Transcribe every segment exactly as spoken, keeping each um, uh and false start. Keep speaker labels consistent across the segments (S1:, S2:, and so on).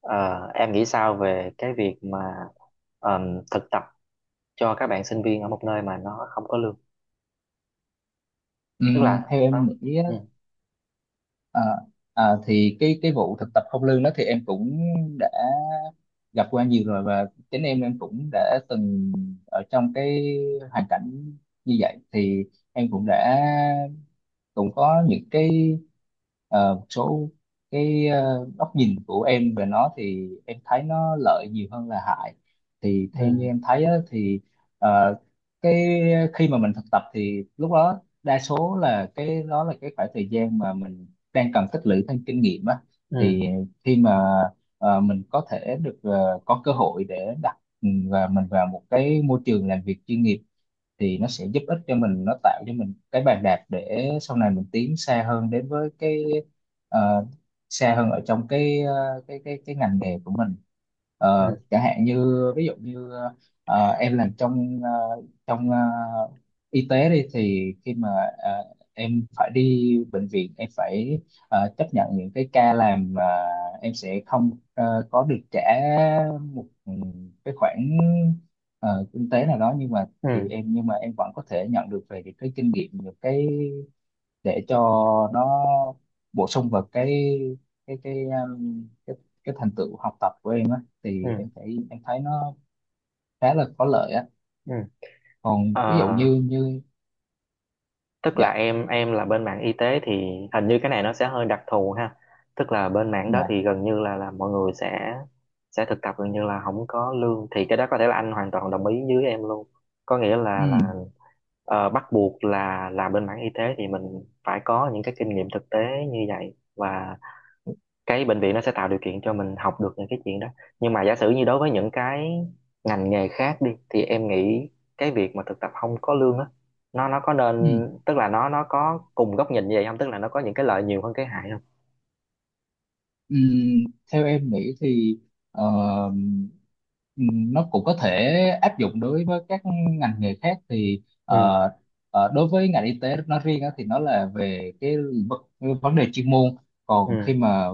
S1: Ờ, em nghĩ sao về cái việc mà ờm, thực tập cho các bạn sinh viên ở một nơi mà nó không có lương? Tức
S2: Ừm,
S1: là
S2: theo em
S1: nó...
S2: nghĩ á,
S1: ừ
S2: à, à, thì cái cái vụ thực tập không lương đó thì em cũng đã gặp qua nhiều rồi, và chính em em cũng đã từng ở trong cái hoàn cảnh như vậy. Thì em cũng đã cũng có những cái ờ, một số cái ờ, góc nhìn của em về nó, thì em thấy nó lợi nhiều hơn là hại. Thì theo như
S1: ừ
S2: em thấy á, thì ờ, cái khi mà mình thực tập thì lúc đó đa số là cái đó là cái khoảng thời gian mà mình đang cần tích lũy thêm kinh nghiệm á.
S1: ừ
S2: Thì khi mà ờ, mình có thể được ờ, có cơ hội để đặt ừ, và mình vào một cái môi trường làm việc chuyên nghiệp, thì nó sẽ giúp ích cho mình, nó tạo cho mình cái bàn đạp để sau này mình tiến xa hơn đến với cái ờ, xa hơn ở trong cái ờ, cái cái cái ngành nghề của mình.
S1: ừ
S2: Ờ, chẳng hạn như ví dụ như ờ, em làm trong ờ, trong ờ, y tế đi, thì khi mà ờ, em phải đi bệnh viện, em phải ờ, chấp nhận những cái ca làm mà em sẽ không ờ, có được trả một ừ, cái khoản ờ, kinh tế nào đó. Nhưng mà thì
S1: ừ
S2: em nhưng mà em vẫn có thể nhận được về những cái kinh nghiệm, những cái để cho nó bổ sung vào cái cái cái um, cái, cái thành tựu học tập của em á.
S1: ừ
S2: Thì em thấy em thấy nó khá là có lợi á.
S1: ừ
S2: Còn
S1: Ờ,
S2: ví dụ như như
S1: tức là
S2: Dạ,
S1: em em là bên mảng y tế thì hình như cái này nó sẽ hơi đặc thù ha. Tức là bên mảng đó
S2: dạ.
S1: thì gần như là là mọi người sẽ sẽ thực tập gần như là không có lương, thì cái đó có thể là anh hoàn toàn đồng ý với em luôn. Có nghĩa là
S2: Ừ,
S1: là ờ, bắt buộc là là bên mảng y tế thì mình phải có những cái kinh nghiệm thực tế như vậy, và cái bệnh viện nó sẽ tạo điều kiện cho mình học được những cái chuyện đó. Nhưng mà giả sử như đối với những cái ngành nghề khác đi, thì em nghĩ cái việc mà thực tập không có lương á, nó nó có nên...
S2: ừ.
S1: tức là nó nó có cùng góc nhìn như vậy không, tức là nó có những cái lợi nhiều hơn cái hại không?
S2: Ừm, Theo em nghĩ thì ờ, ừm, nó cũng có thể áp dụng đối với các ngành nghề khác. Thì
S1: ừ
S2: ờ, ờ, đối với ngành y tế nói riêng á, thì nó là về cái v- vấn đề chuyên môn. Còn
S1: ừ
S2: khi mà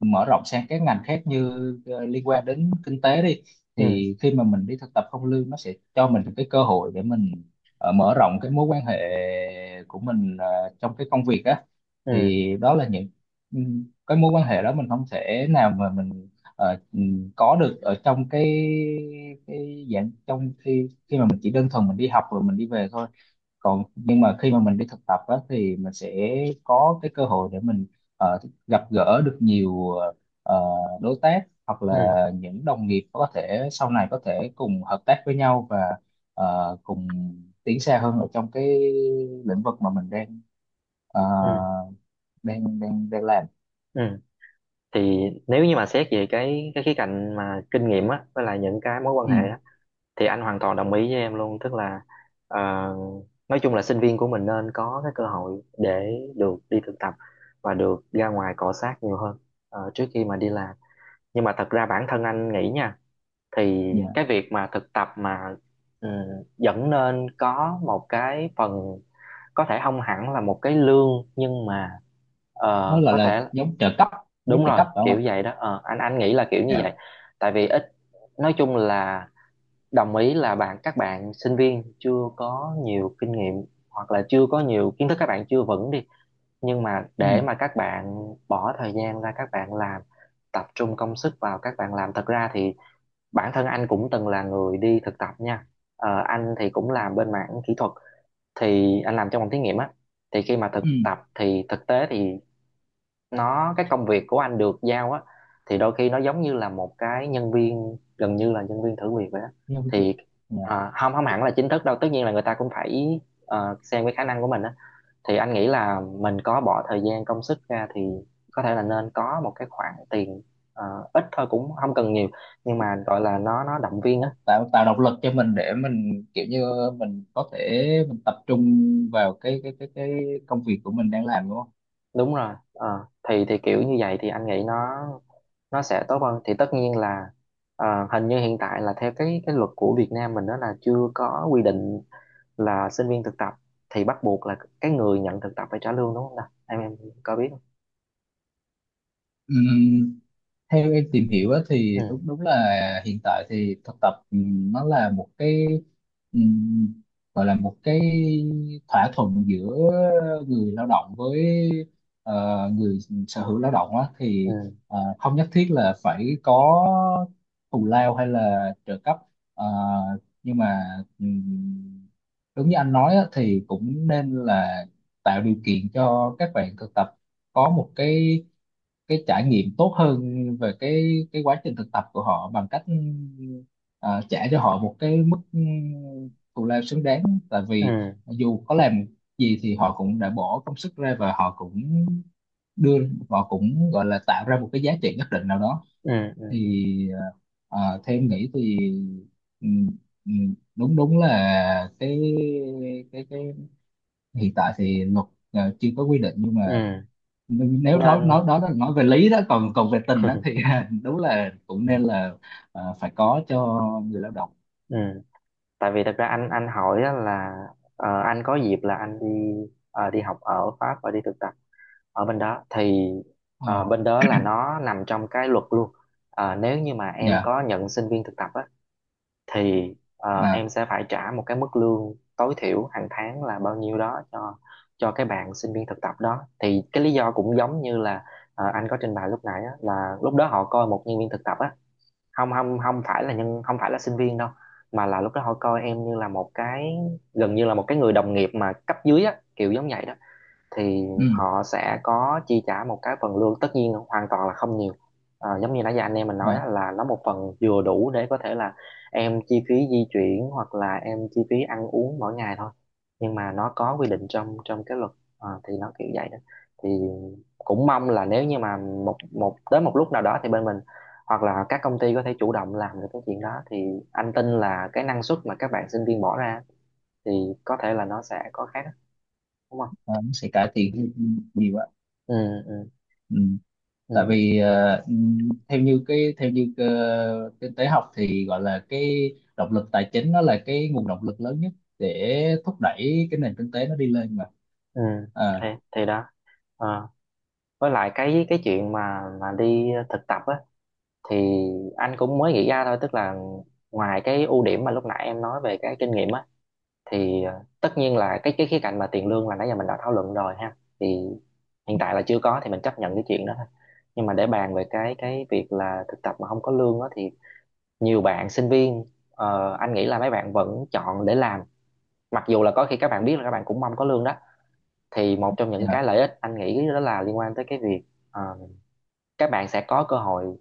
S2: mở rộng sang các ngành khác như ờ, liên quan đến kinh tế đi,
S1: ừ
S2: thì khi mà mình đi thực tập không lương, nó sẽ cho mình cái cơ hội để mình ờ, mở rộng cái mối quan hệ của mình ờ, trong cái công việc á.
S1: ừ
S2: Thì đó là những cái mối quan hệ đó mình không thể nào mà mình ờ, ừm, có được ở trong cái cái dạng, trong khi khi mà mình chỉ đơn thuần mình đi học rồi mình đi về thôi. Còn nhưng mà khi mà mình đi thực tập á, thì mình sẽ có cái cơ hội để mình ờ, gặp gỡ được nhiều ờ, đối tác hoặc là
S1: ừ
S2: những đồng nghiệp có thể sau này có thể cùng hợp tác với nhau, và ờ, cùng tiến xa hơn ở trong cái lĩnh vực mà mình đang ờ,
S1: ừ
S2: đang đang đang làm.
S1: ừ thì nếu như mà xét về cái cái khía cạnh mà kinh nghiệm á, với lại những cái mối quan
S2: Ừ.
S1: hệ á, thì anh hoàn toàn đồng ý với em luôn. Tức là ờ, nói chung là sinh viên của mình nên có cái cơ hội để được đi thực tập và được ra ngoài cọ xát nhiều hơn ờ, trước khi mà đi làm. Nhưng mà thật ra bản thân anh nghĩ nha, thì
S2: Dạ.
S1: cái việc mà thực tập mà ừ, vẫn nên có một cái phần, có thể không hẳn là một cái lương, nhưng mà
S2: Nó
S1: ờ,
S2: gọi
S1: có
S2: là
S1: thể...
S2: giống trợ cấp. Giống
S1: đúng
S2: trợ
S1: rồi,
S2: cấp phải không
S1: kiểu
S2: anh?
S1: vậy đó, ờ, anh anh nghĩ là kiểu như vậy.
S2: Dạ.
S1: Tại vì ít... nói chung là đồng ý là bạn các bạn sinh viên chưa có nhiều kinh nghiệm, hoặc là chưa có nhiều kiến thức, các bạn chưa vững đi, nhưng mà
S2: Ừ,
S1: để mà các bạn bỏ thời gian ra các bạn làm, tập trung công sức vào các bạn làm, thật ra thì bản thân anh cũng từng là người đi thực tập nha. Ờ, anh thì cũng làm bên mảng kỹ thuật, thì anh làm trong phòng thí nghiệm á, thì khi mà thực
S2: ừ.
S1: tập thì thực tế thì nó cái công việc của anh được giao á, thì đôi khi nó giống như là một cái nhân viên, gần như là nhân viên thử việc vậy đó.
S2: Giống trợ-
S1: Thì
S2: dạ.
S1: à, không, không hẳn là chính thức đâu, tất nhiên là người ta cũng phải ờ, xem cái khả năng của mình á. Thì anh nghĩ là mình có bỏ thời gian công sức ra thì có thể là nên có một cái khoản tiền, ờ, ít thôi cũng không cần nhiều, nhưng mà gọi là nó nó động viên
S2: Nó
S1: á.
S2: tạo tạo động lực cho mình để mình kiểu như mình có thể mình tập trung vào cái cái cái cái công việc của mình đang làm, đúng không?
S1: Đúng rồi. Ờ, thì thì kiểu như vậy thì anh nghĩ nó nó sẽ tốt hơn. Thì tất nhiên là ờ, hình như hiện tại là theo cái cái luật của Việt Nam mình đó là chưa có quy định là sinh viên thực tập thì bắt buộc là cái người nhận thực tập phải trả lương, đúng không nào? Em em có biết không?
S2: Ừ. Theo em tìm hiểu á, thì
S1: ừ
S2: đúng đúng là hiện tại thì thực tập ừm, nó là một cái, ừm, gọi là một cái thỏa thuận giữa người lao động với ờ, người sở hữu lao động á, thì
S1: ừ
S2: ờ, không nhất thiết là phải có thù lao hay là trợ cấp. Ờ, nhưng mà ừm, đúng như anh nói á, thì cũng nên là tạo điều kiện cho các bạn thực tập có một cái cái trải nghiệm tốt hơn về cái cái quá trình thực tập của họ bằng cách ờ, trả cho họ một cái mức ừ, thù lao xứng đáng, tại
S1: ừ
S2: vì dù có làm gì thì họ cũng đã bỏ công sức ra, và họ cũng đưa, họ cũng gọi là tạo ra một cái giá trị nhất định nào đó.
S1: ừ ừ
S2: Thì ờ, ờ, theo em nghĩ thì ừm, ừm, đúng đúng là cái cái cái hiện tại thì luật ờ, chưa có quy định. Nhưng mà
S1: ừ
S2: nếu nói
S1: nên
S2: nói đó là nói về lý đó, còn còn về tình đó thì đúng là cũng nên là ờ, phải có cho người lao động.
S1: ừ. Tại vì thật ra anh anh hỏi á là ờ, anh có dịp là anh đi ờ, đi học ở Pháp và đi thực tập ở bên đó. Thì ờ,
S2: Ờ.
S1: bên đó là nó nằm trong cái luật luôn. Ờ, nếu như mà em
S2: Dạ.
S1: có nhận sinh viên thực tập á, thì ờ,
S2: À.
S1: em sẽ phải trả một cái mức lương tối thiểu hàng tháng là bao nhiêu đó cho cho cái bạn sinh viên thực tập đó. Thì cái lý do cũng giống như là ờ, anh có trình bày lúc nãy á, là lúc đó họ coi một nhân viên thực tập á, không không không phải là nhân... không phải là sinh viên đâu, mà là lúc đó họ coi em như là một cái, gần như là một cái người đồng nghiệp mà cấp dưới á, kiểu giống vậy đó. Thì
S2: Ừ.
S1: họ sẽ có chi trả một cái phần lương, tất nhiên hoàn toàn là không nhiều. Ờ, giống như nãy giờ anh em mình nói
S2: Dạ.
S1: là nó một phần vừa đủ để có thể là em chi phí di chuyển, hoặc là em chi phí ăn uống mỗi ngày thôi, nhưng mà nó có quy định trong trong cái luật. Ờ, thì nó kiểu vậy đó. Thì cũng mong là nếu như mà một một tới một lúc nào đó thì bên mình hoặc là các công ty có thể chủ động làm được cái chuyện đó, thì anh tin là cái năng suất mà các bạn sinh viên bỏ ra thì có thể là nó sẽ có khác, đúng không?
S2: Ờ, nó sẽ cải thiện cái- nhiều quá.
S1: ừ ừ
S2: Ừ. Tại
S1: ừ
S2: vì ờ, ừ, theo như cái theo như cái, kinh tế học thì gọi là cái động lực tài chính, nó là cái nguồn động lực lớn nhất để thúc đẩy cái nền kinh tế nó đi lên mà.
S1: ừ
S2: À.
S1: thì, thì đó. Ờ. Với lại cái cái chuyện mà mà đi thực tập á, thì anh cũng mới nghĩ ra thôi, tức là ngoài cái ưu điểm mà lúc nãy em nói về cái kinh nghiệm á, thì ờ, tất nhiên là cái cái khía cạnh mà tiền lương là nãy giờ mình đã thảo luận rồi ha, thì hiện tại là chưa có thì mình chấp nhận cái chuyện đó thôi. Nhưng mà để bàn về cái cái việc là thực tập mà không có lương á, thì nhiều bạn sinh viên, ờ, anh nghĩ là mấy bạn vẫn chọn để làm, mặc dù là có khi các bạn biết là các bạn cũng mong có lương đó. Thì một trong những
S2: Dạ.
S1: cái lợi ích anh nghĩ đó là liên quan tới cái việc ờ, các bạn sẽ có cơ hội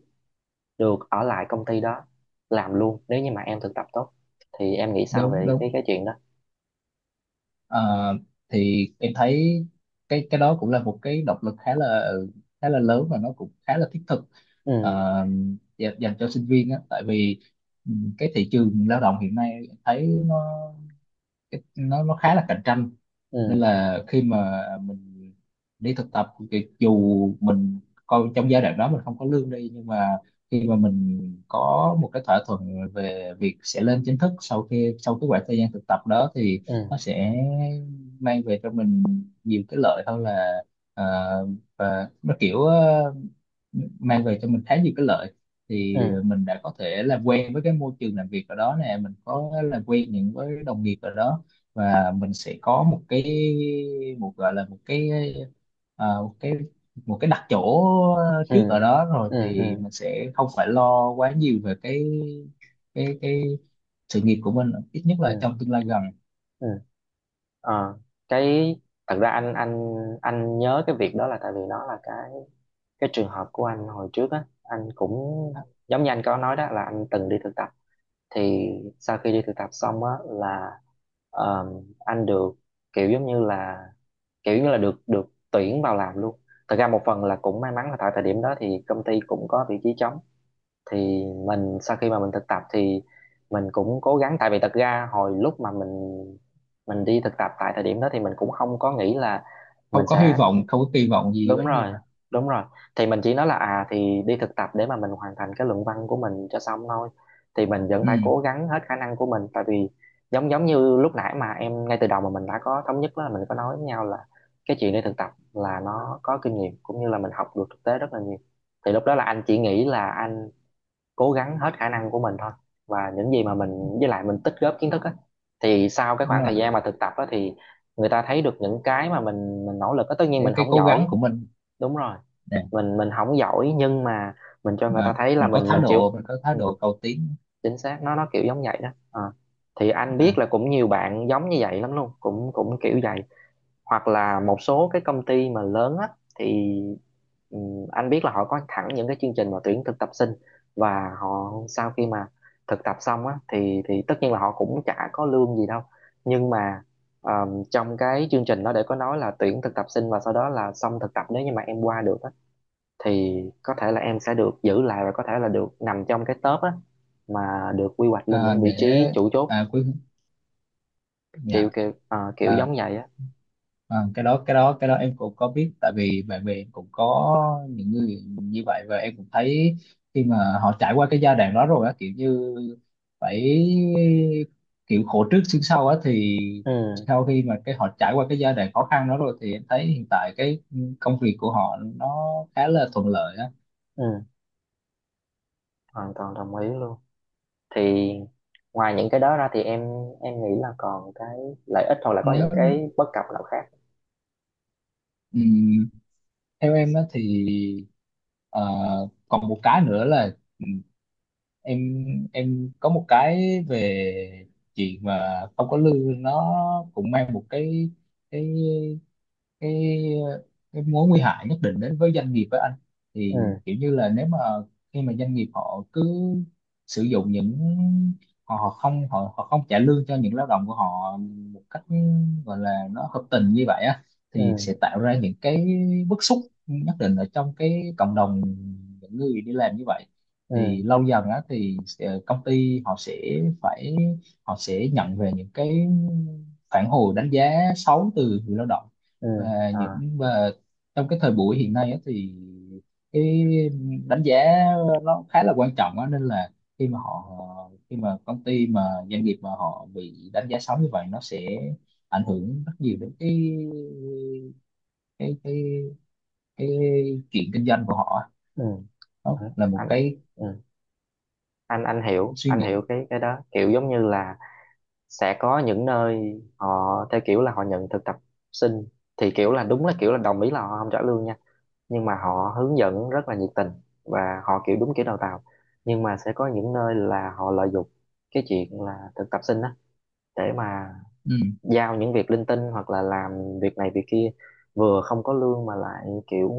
S1: được ở lại công ty đó làm luôn nếu như mà em thực tập tốt. Thì em nghĩ sao
S2: Đúng,
S1: về cái
S2: đúng.
S1: cái chuyện đó?
S2: Ờ, thì em thấy cái cái đó cũng là một cái động lực khá là khá là lớn, và nó cũng khá là thiết thực. ờ,
S1: Ừ
S2: dạ- Dành cho sinh viên á, tại vì ừ, cái thị trường lao động hiện nay em thấy nó nó nó khá là cạnh tranh. Nên
S1: ừ
S2: là khi mà mình đi thực tập thì dù mình coi trong giai đoạn đó mình không có lương đi, nhưng mà khi mà mình có một cái thỏa thuận về việc sẽ lên chính thức sau khi sau cái khoảng thời gian thực tập đó thì
S1: ừ
S2: nó sẽ mang về cho mình nhiều cái lợi hơn là ờ, và nó kiểu ờ, mang về cho mình khá nhiều cái lợi. Thì
S1: ừ
S2: ờ, mình đã có thể làm quen với cái môi trường làm việc ở đó nè, mình có làm quen những với đồng nghiệp ở đó, và mình sẽ có một cái một, gọi là một cái, à, một cái một cái đặt chỗ
S1: ừ
S2: trước ở đó rồi,
S1: ừ
S2: thì
S1: ừ
S2: mình sẽ không phải lo quá nhiều về cái cái cái sự nghiệp của mình, ít nhất
S1: ừ
S2: là trong tương lai gần.
S1: ừ Ờ, cái thật ra anh anh anh nhớ cái việc đó là tại vì nó là cái cái trường hợp của anh hồi trước á. Anh cũng giống như anh có nói đó, là anh từng đi thực tập, thì sau khi đi thực tập xong á là ờm, anh được kiểu giống như là, kiểu như là được được tuyển vào làm luôn. Thật ra một phần là cũng may mắn là tại thời điểm đó thì công ty cũng có vị trí trống. Thì mình sau khi mà mình thực tập thì mình cũng cố gắng, tại vì thật ra hồi lúc mà mình mình đi thực tập tại thời điểm đó thì mình cũng không có nghĩ là
S2: Không
S1: mình
S2: có hy
S1: sẽ...
S2: vọng, không có kỳ vọng gì
S1: đúng
S2: quá nhiều
S1: rồi,
S2: hả?
S1: đúng rồi. Thì mình chỉ nói là à thì đi thực tập để mà mình hoàn thành cái luận văn của mình cho xong thôi, thì mình vẫn phải cố
S2: Ừ.
S1: gắng hết khả năng của mình. Tại vì giống giống như lúc nãy mà em, ngay từ đầu mà mình đã có thống nhất đó, là mình có nói với nhau là cái chuyện đi thực tập là nó có kinh nghiệm cũng như là mình học được thực tế rất là nhiều. Thì lúc đó là anh chỉ nghĩ là anh cố gắng hết khả năng của mình thôi, và những gì mà mình, với lại mình tích góp kiến thức á, thì sau cái
S2: Đúng
S1: khoảng
S2: rồi.
S1: thời gian mà thực tập á thì người ta thấy được những cái mà mình mình nỗ lực á, tất nhiên
S2: Cái,
S1: mình
S2: cái
S1: không
S2: cố gắng
S1: giỏi.
S2: của mình,
S1: Đúng rồi. mình mình không giỏi, nhưng mà mình cho người ta
S2: mà
S1: thấy là
S2: mình có
S1: mình
S2: thái
S1: mình chịu.
S2: độ mình có thái
S1: Ừ,
S2: độ cầu tiến.
S1: chính xác, nó nó kiểu giống vậy đó. Ờ. Thì anh
S2: à,
S1: biết là cũng nhiều bạn giống như vậy lắm luôn, cũng cũng kiểu vậy. Hoặc là một số cái công ty mà lớn á, thì ừ, anh biết là họ có thẳng những cái chương trình mà tuyển thực tập sinh, và họ sau khi mà thực tập xong á thì thì tất nhiên là họ cũng chả có lương gì đâu. Nhưng mà ờ, trong cái chương trình đó để có nói là tuyển thực tập sinh và sau đó là xong thực tập, nếu như mà em qua được á thì có thể là em sẽ được giữ lại, và có thể là được nằm trong cái top á, mà được quy hoạch lên
S2: à,
S1: những vị
S2: để
S1: trí chủ chốt,
S2: à, quý Dạ.
S1: kiểu kiểu ờ, kiểu
S2: à,
S1: giống vậy á.
S2: à, cái đó cái đó cái đó em cũng có biết, tại vì bạn bè em cũng có những người như vậy, và em cũng thấy khi mà họ trải qua cái giai đoạn đó rồi á, kiểu như phải, kiểu khổ trước sướng sau á, thì
S1: ừ
S2: sau khi mà cái họ trải qua cái giai đoạn khó khăn đó rồi thì em thấy hiện tại cái công việc của họ nó khá là thuận lợi á.
S1: ừ Hoàn toàn đồng ý luôn. Thì ngoài những cái đó ra thì em em nghĩ là còn cái lợi ích hoặc là có những
S2: nếu
S1: cái bất cập nào khác?
S2: ừ, Theo em á thì ờ, còn một cái nữa là ừ, em em có một cái về chuyện mà không có lương, nó cũng mang một cái cái cái cái mối nguy hại nhất định đến với doanh nghiệp, với anh. Thì
S1: ừ
S2: kiểu như là nếu mà khi mà doanh nghiệp họ cứ sử dụng những, họ, họ không họ, họ không trả lương cho những lao động của họ một cách gọi là nó hợp tình như vậy á,
S1: ừ
S2: thì sẽ tạo ra những cái bức xúc nhất định ở trong cái cộng đồng những người đi làm như vậy.
S1: ừ
S2: Thì lâu dần á thì sẽ- công ty họ sẽ phải họ sẽ nhận về những cái phản hồi đánh giá xấu từ người lao động.
S1: ừ
S2: Và
S1: à
S2: những và trong cái thời buổi hiện nay á, thì cái đánh giá nó khá là quan trọng á, nên là khi mà họ khi mà công ty mà doanh nghiệp mà họ bị đánh giá xấu như vậy, nó sẽ ảnh hưởng rất nhiều đến cái cái cái cái chuyện kinh doanh của họ á.
S1: ừ
S2: Đó là một
S1: anh
S2: cái
S1: ừ. anh anh hiểu,
S2: suy
S1: anh
S2: nghĩ.
S1: hiểu cái cái đó, kiểu giống như là sẽ có những nơi họ theo kiểu là họ nhận thực tập sinh, thì kiểu là đúng, là kiểu là đồng ý là họ không trả lương nha, nhưng mà họ hướng dẫn rất là nhiệt tình và họ kiểu đúng kiểu đào tạo. Nhưng mà sẽ có những nơi là họ lợi dụng cái chuyện là thực tập sinh á để mà
S2: Ừ.
S1: giao những việc linh tinh, hoặc là làm việc này việc kia, vừa không có lương mà lại kiểu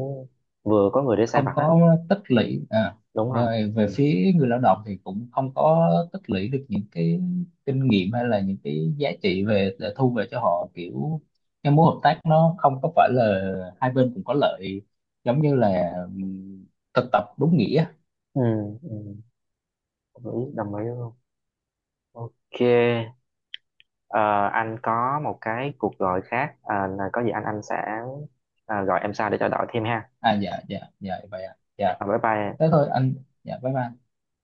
S1: vừa có người để sai
S2: Không
S1: vặt á.
S2: có tích lũy. à,
S1: Đúng rồi.
S2: về Về
S1: Ừ,
S2: phía người lao động thì cũng không có tích lũy được những cái kinh nghiệm hay là những cái giá trị về để thu về cho họ. Kiểu cái mối hợp tác nó không có phải là hai bên cùng có lợi, giống như là ừm, thực tập đúng nghĩa.
S1: ừ. ừ. Đồng ý, đồng ý luôn. Ok. Ờ, anh có một cái cuộc gọi khác. Ờ, là có gì anh anh sẽ ờ, gọi em sau để trao đổi thêm ha.
S2: À, dạ, dạ, dạ, vậy ạ. Dạ.
S1: Ờ, bye bye.
S2: Thế thôi anh. Dạ. Bye bye.